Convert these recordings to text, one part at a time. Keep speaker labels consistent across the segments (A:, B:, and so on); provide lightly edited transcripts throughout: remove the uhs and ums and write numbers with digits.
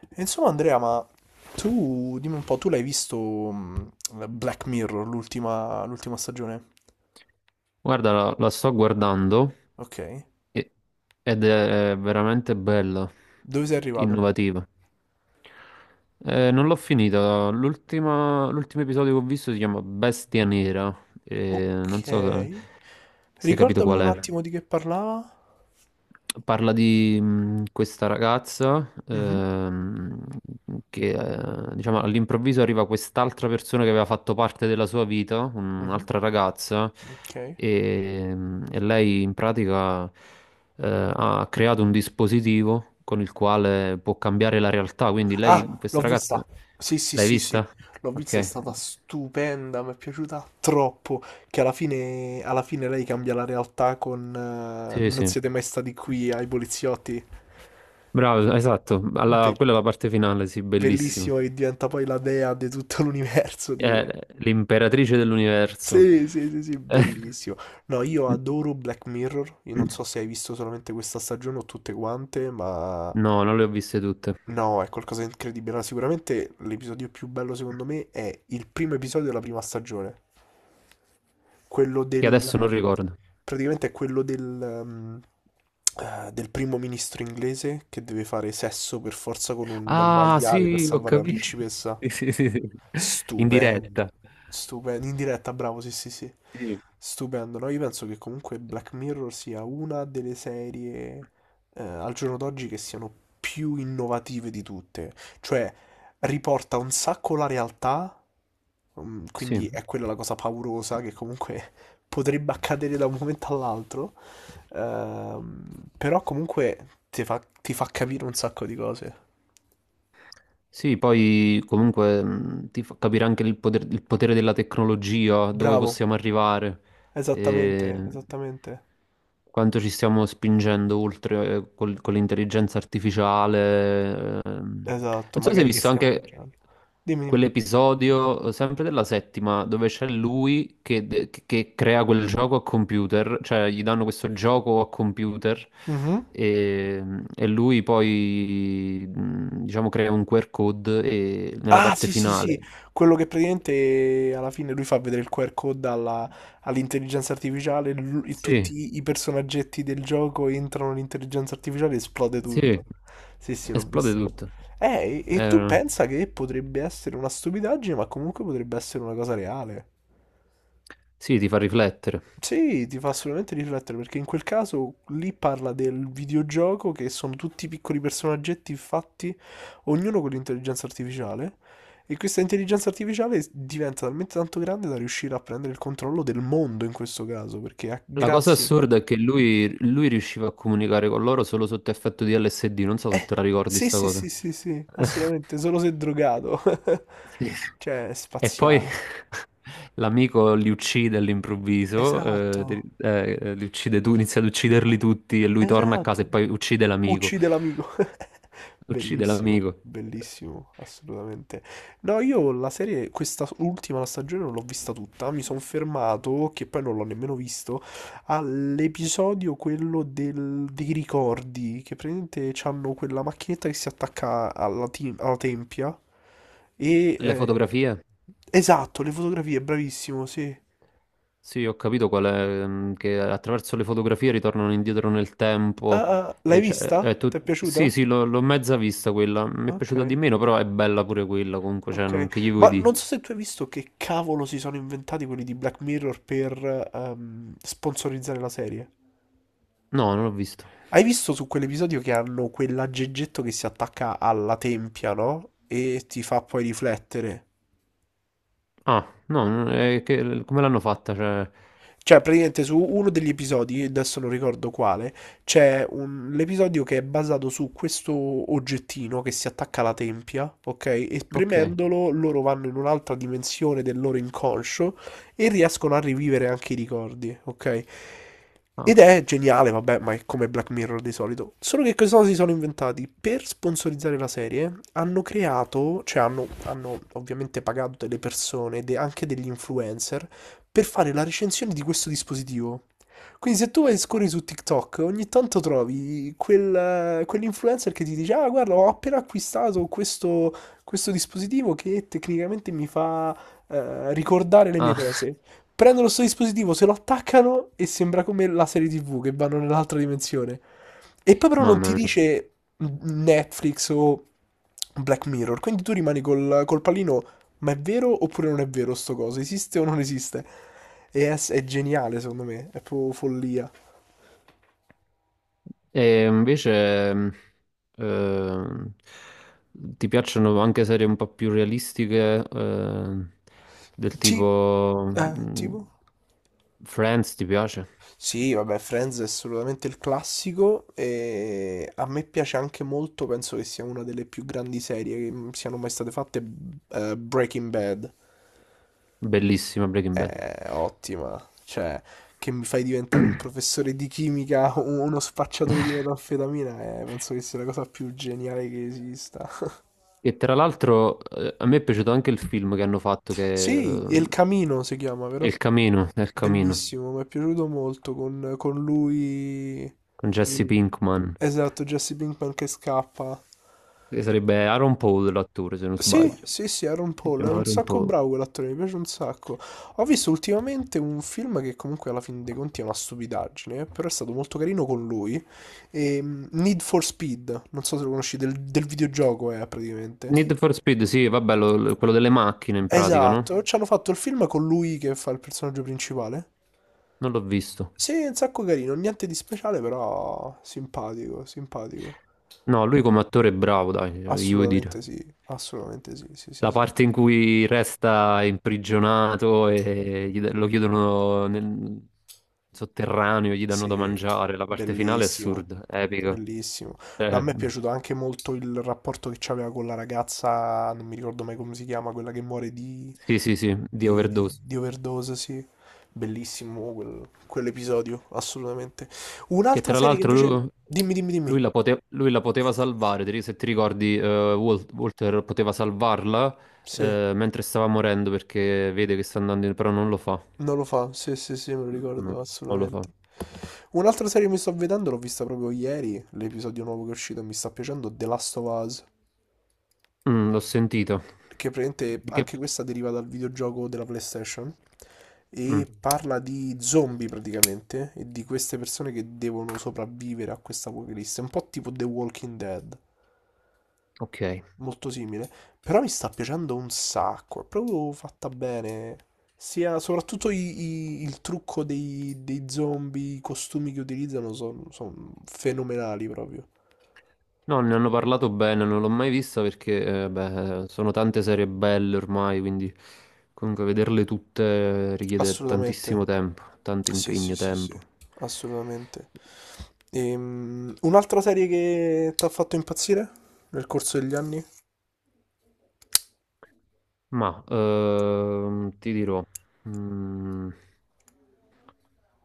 A: Insomma, Andrea, ma tu dimmi un po', tu l'hai visto Black Mirror, l'ultima stagione?
B: Guarda, la sto guardando
A: Ok.
B: e- ed è veramente bella,
A: Dove sei arrivato?
B: innovativa. Non l'ho finita, l'ultimo episodio che ho visto si chiama Bestia Nera, e
A: Ok.
B: non so se, se hai capito
A: Ricordami un
B: qual
A: Quale?
B: è.
A: Attimo di che parlava.
B: Parla di questa ragazza
A: Mhm,
B: che diciamo all'improvviso arriva quest'altra persona che aveva fatto parte della sua vita,
A: mhm,
B: un'altra ragazza,
A: Ok. Quale?
B: e lei in pratica ha creato un dispositivo con il quale può cambiare la realtà. Quindi lei,
A: Ah, l'ho
B: questa
A: vista.
B: ragazza,
A: Sì, sì,
B: l'hai
A: sì, sì.
B: vista?
A: L'ho vista, è
B: Ok,
A: stata stupenda, mi è piaciuta troppo. Che alla fine lei cambia la realtà con
B: sì,
A: Non
B: sì,
A: siete mai stati qui ai poliziotti.
B: bravo, esatto.
A: Beh,
B: Quella è la parte finale, sì, bellissima.
A: bellissimo che diventa poi la dea di tutto l'universo, tipo.
B: L'imperatrice dell'universo.
A: Sì, sì, sì, sì,
B: Eh,
A: bellissimo. No, io adoro Black Mirror. Io non so se hai visto solamente questa stagione o tutte quante, ma
B: no, non le ho viste tutte.
A: no, è qualcosa di incredibile. Allora, sicuramente l'episodio più bello secondo me è il primo episodio della prima stagione. Quello
B: Che
A: del...
B: adesso non ricordo.
A: praticamente è quello del, del primo ministro inglese che deve fare sesso per forza con un
B: Ah,
A: maiale per
B: sì, ho
A: salvare la
B: capito.
A: principessa.
B: Sì, sì, sì, sì. In diretta.
A: Stupendo, stupendo, in diretta, bravo, sì, sì, sì.
B: Sì.
A: Stupendo, no? Io penso che comunque Black Mirror sia una delle serie al giorno d'oggi che siano più innovative di tutte. Cioè, riporta un sacco la realtà. Mm,
B: Sì.
A: quindi è quella la cosa paurosa che comunque potrebbe accadere da un momento all'altro. Però comunque ti fa capire un sacco di cose.
B: Sì, poi comunque ti fa capire anche il il potere della tecnologia, dove
A: Bravo,
B: possiamo arrivare.
A: esattamente,
B: E
A: esattamente.
B: quanto ci stiamo spingendo oltre con l'intelligenza artificiale.
A: Esatto,
B: Non so se hai
A: magari che
B: visto
A: stiamo
B: anche
A: esagerando. Dimmi, dimmi.
B: quell'episodio, sempre della settima, dove c'è lui che, che crea quel gioco a computer, cioè gli danno questo gioco a computer.
A: Mhm.
B: E, e lui poi, diciamo, crea un QR code e nella
A: Ah,
B: parte
A: sì, sì,
B: finale.
A: sì, quello che praticamente alla fine lui fa vedere il QR code all'intelligenza artificiale, e
B: Sì,
A: tutti i personaggetti del gioco entrano nell'intelligenza artificiale e esplode
B: sì,
A: tutto. Sì, sì, l'ho
B: esplode
A: visto.
B: tutto.
A: E tu
B: Eh,
A: pensa che potrebbe essere una stupidaggine, ma comunque potrebbe essere una cosa reale.
B: Sì, ti fa riflettere.
A: Sì, ti fa assolutamente riflettere perché in quel caso lì parla del videogioco che sono tutti piccoli personaggetti fatti, ognuno con l'intelligenza artificiale, e questa intelligenza artificiale diventa talmente tanto grande da riuscire a prendere il controllo del mondo in questo caso, perché
B: La cosa
A: grazie...
B: assurda è che lui riusciva a comunicare con loro solo sotto effetto di LSD, non so se
A: Eh,
B: te la ricordi
A: sì,
B: sta
A: sì, sì,
B: cosa.
A: sì, sì, assolutamente, solo se è drogato.
B: Sì.
A: Cioè, è
B: E poi
A: spaziale.
B: l'amico li uccide all'improvviso,
A: Esatto,
B: li uccide tu, inizia ad ucciderli tutti e lui torna a casa
A: esatto.
B: e poi uccide l'amico.
A: Uccide l'amico.
B: Uccide
A: Bellissimo,
B: l'amico.
A: bellissimo, assolutamente. No, io la serie, questa ultima la stagione non l'ho vista tutta, mi sono fermato, che poi non l'ho nemmeno visto, all'episodio quello dei ricordi, che praticamente hanno quella macchinetta che si attacca alla, alla tempia e...
B: Le
A: eh,
B: fotografie?
A: esatto, le fotografie, bravissimo, sì.
B: Sì, ho capito qual è, mm, che attraverso le fotografie ritornano indietro nel
A: Ah,
B: tempo.
A: ah, l'hai
B: E cioè,
A: vista? Ti è
B: sì,
A: piaciuta?
B: sì, l'ho mezza vista quella. Mi è
A: Ok.
B: piaciuta di meno, però è bella pure quella. Comunque, cioè,
A: Ok,
B: non... che gli vuoi
A: ma non
B: dire?
A: so se tu hai visto che cavolo si sono inventati quelli di Black Mirror per sponsorizzare la serie.
B: No, non l'ho vista.
A: Hai visto su quell'episodio che hanno quell'aggeggetto che si attacca alla tempia, no? E ti fa poi riflettere.
B: Ah, no, come l'hanno fatta? Cioè...
A: Cioè, praticamente su uno degli episodi, adesso non ricordo quale, l'episodio che è basato su questo oggettino che si attacca alla tempia, ok? E
B: Ok.
A: premendolo loro vanno in un'altra dimensione del loro inconscio e riescono a rivivere anche i ricordi, ok?
B: Ah,
A: Ed è geniale, vabbè, ma è come Black Mirror di solito. Solo che cosa si sono inventati? Per sponsorizzare la serie hanno creato, cioè hanno ovviamente pagato delle persone, anche degli influencer, per fare la recensione di questo dispositivo. Quindi se tu vai e scorri su TikTok, ogni tanto trovi quell'influencer che ti dice, ah guarda, ho appena acquistato questo, questo dispositivo che tecnicamente mi fa ricordare le mie
B: ah,
A: cose. Prendono questo dispositivo, se lo attaccano e sembra come la serie TV che vanno nell'altra dimensione. E poi però non ti
B: mamma mia.
A: dice Netflix o Black Mirror, quindi tu rimani col pallino ma è vero oppure non è vero sto coso? Esiste o non esiste? È geniale, secondo me. È proprio follia.
B: E invece, ehm, ti piacciono anche serie un po' più realistiche, del
A: Sì.
B: tipo,
A: Tipo?
B: Friends, ti piace?
A: Sì, vabbè, Friends è assolutamente il classico e a me piace anche molto, penso che sia una delle più grandi serie che siano mai state fatte, Breaking Bad.
B: Bellissima Breaking Bad.
A: È ottima, cioè, che mi fai diventare un professore di chimica o uno spacciatore di metanfetamina, penso che sia la cosa più geniale che esista.
B: E tra l'altro, a me è piaciuto anche il film che hanno fatto, che,
A: Sì, El Camino si chiama, vero?
B: È Il Camino,
A: Bellissimo, mi è piaciuto molto con lui.
B: con Jesse
A: in-
B: Pinkman,
A: Esatto, Jesse Pinkman che scappa.
B: che sarebbe Aaron Paul l'attore, se non
A: Sì,
B: sbaglio.
A: sì, sì, Aaron
B: Si
A: Paul è
B: chiama
A: un
B: Aaron
A: sacco
B: Paul.
A: bravo quell'attore, mi piace un sacco. Ho visto ultimamente un film che comunque alla fine dei conti è una stupidaggine, però è stato molto carino con lui. Need for Speed, non so se lo conosci, del videogioco è praticamente.
B: Need for Speed, sì, vabbè, quello delle macchine in pratica, no?
A: Esatto, ci hanno fatto il film con lui che fa il personaggio principale.
B: Non l'ho visto.
A: Sì, è un sacco carino, niente di speciale, però simpatico, simpatico.
B: No, lui come attore è bravo, dai, gli vuoi dire.
A: Assolutamente sì, assolutamente sì, sì, sì,
B: La
A: sì.
B: parte in cui resta imprigionato e lo chiudono nel sotterraneo, gli danno da
A: Sì,
B: mangiare, la parte finale è
A: bellissimo,
B: assurda, epica.
A: bellissimo. No, a
B: Eh,
A: me è piaciuto anche molto il rapporto che c'aveva con la ragazza, non mi ricordo mai come si chiama, quella che muore
B: sì, sì, sì, di overdose.
A: di overdose, sì. Bellissimo quell'episodio, assolutamente.
B: Che
A: Un'altra
B: tra
A: serie che
B: l'altro
A: invece... Dimmi, dimmi, dimmi.
B: lui la poteva salvare, se ti ricordi, Walter poteva salvarla
A: Sì.
B: mentre stava morendo perché vede che sta andando in... però non lo fa.
A: Non lo fa, sì, sì, sì, me lo
B: No,
A: ricordo
B: non lo fa.
A: assolutamente. Un'altra serie che mi sto vedendo, l'ho vista proprio ieri, l'episodio nuovo che è uscito, e mi sta piacendo, The Last of Us,
B: Mm, l'ho sentito.
A: che praticamente
B: Di che...
A: anche questa deriva dal videogioco della PlayStation
B: Mm,
A: e parla di zombie praticamente e di queste persone che devono sopravvivere a questa apocalisse, un po' tipo The Walking Dead.
B: ok.
A: Molto simile, però mi sta piacendo un sacco, è proprio fatta bene. Sia soprattutto il trucco dei zombie, i costumi che utilizzano sono fenomenali proprio.
B: No, ne hanno parlato bene, non l'ho mai vista perché beh, sono tante serie belle ormai, quindi comunque vederle tutte richiede
A: Assolutamente.
B: tantissimo tempo, tanto
A: Sì, sì,
B: impegno,
A: sì, sì,
B: tempo.
A: assolutamente. Un'altra serie che ti ha fatto impazzire nel corso degli anni?
B: Ma ti dirò, mm,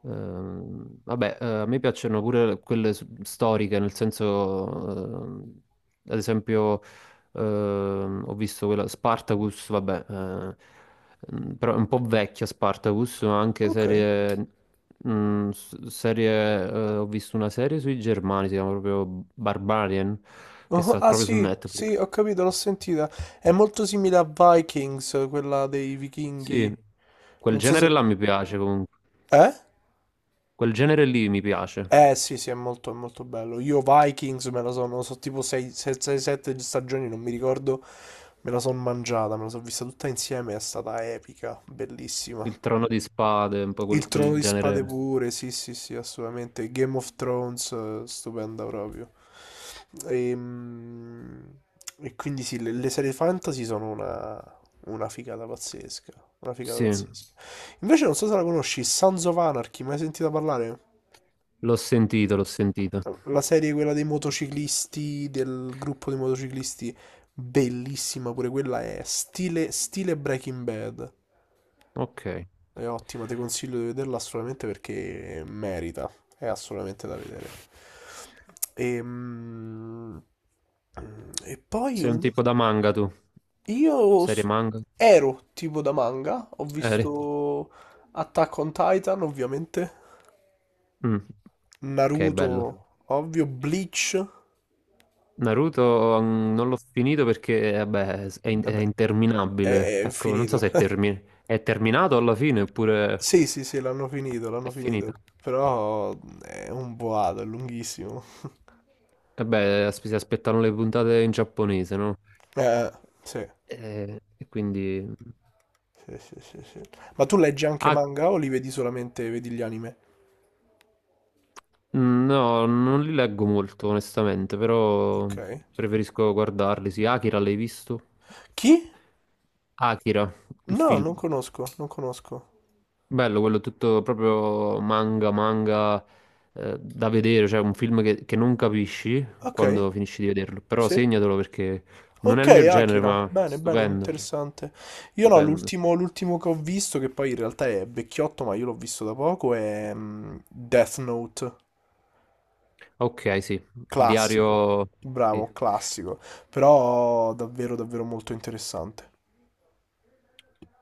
B: vabbè, a me piacciono pure quelle storiche, nel senso, ehm, ad esempio, ho visto quella Spartacus, vabbè, mm, però è un po' vecchia Spartacus, ma anche
A: Ok.
B: serie, mm, serie, ho visto una serie sui Germani, si chiama proprio Barbarian, che
A: Oh,
B: sta
A: ah
B: proprio su
A: sì,
B: Netflix.
A: sì, ho capito, l'ho sentita. È molto simile a Vikings, quella dei
B: Sì,
A: vichinghi.
B: quel
A: Non so
B: genere
A: se...
B: là mi piace comunque.
A: Eh?
B: Quel genere lì mi piace.
A: Eh sì, sì, è molto bello. Io Vikings me la sono, so tipo 6-7 stagioni, non mi ricordo, me la sono mangiata, me la sono vista tutta insieme, è stata epica, bellissima.
B: Il Trono di Spade, un po' quel,
A: Il Trono
B: quel
A: di Spade
B: genere.
A: pure, sì, sì, sì, assolutamente. Game of Thrones, stupenda proprio. Ehm, quindi sì, le serie fantasy sono una figata pazzesca, una figata
B: Sì,
A: pazzesca. Invece non so se la conosci, Sons of Anarchy, mai sentita parlare?
B: l'ho sentito, l'ho sentito.
A: La serie quella dei motociclisti, del gruppo di motociclisti, bellissima pure quella è stile, stile Breaking Bad.
B: Ok.
A: È ottima, ti consiglio di vederla assolutamente perché merita, è assolutamente da vedere. Ehm, E, poi
B: Sei un
A: un-
B: tipo da manga tu?
A: io
B: Serie manga?
A: ero tipo da manga, ho
B: Eri?
A: visto Attack on Titan ovviamente,
B: Mm, ok,
A: Naruto,
B: bello.
A: ovvio, Bleach,
B: Naruto mm, non l'ho finito perché, vabbè, è, è
A: beh,
B: interminabile.
A: è
B: Ecco, non so
A: finito.
B: se è, è terminato alla fine oppure
A: Sì, sì, sì, l'hanno finito,
B: è
A: l'hanno finito.
B: finito.
A: Però è un boato, è lunghissimo.
B: Vabbè, si aspettano le puntate in giapponese, no?
A: Eh, sì.
B: E, quindi...
A: Sì, sì, sì, sì. Ma tu leggi anche
B: Ah,
A: manga o li vedi solamente, vedi gli anime?
B: mm, no, non li leggo molto, onestamente, però
A: Ok.
B: preferisco guardarli. Sì, Akira l'hai visto?
A: Chi?
B: Akira, il
A: No,
B: film.
A: non conosco, non conosco.
B: Bello, quello tutto proprio manga, manga da vedere, cioè un film che non capisci
A: Ok,
B: quando finisci di vederlo, però
A: sì.
B: segnatelo perché non è
A: Ok,
B: il mio genere,
A: Akira.
B: ma
A: Bene, bene,
B: stupendo,
A: interessante. Io no,
B: stupendo.
A: l'ultimo che ho visto, che poi in realtà è vecchiotto, ma io l'ho visto da poco, è Death Note.
B: Ok, sì, il
A: Classico,
B: diario, sì.
A: bravo, classico, però davvero davvero molto interessante.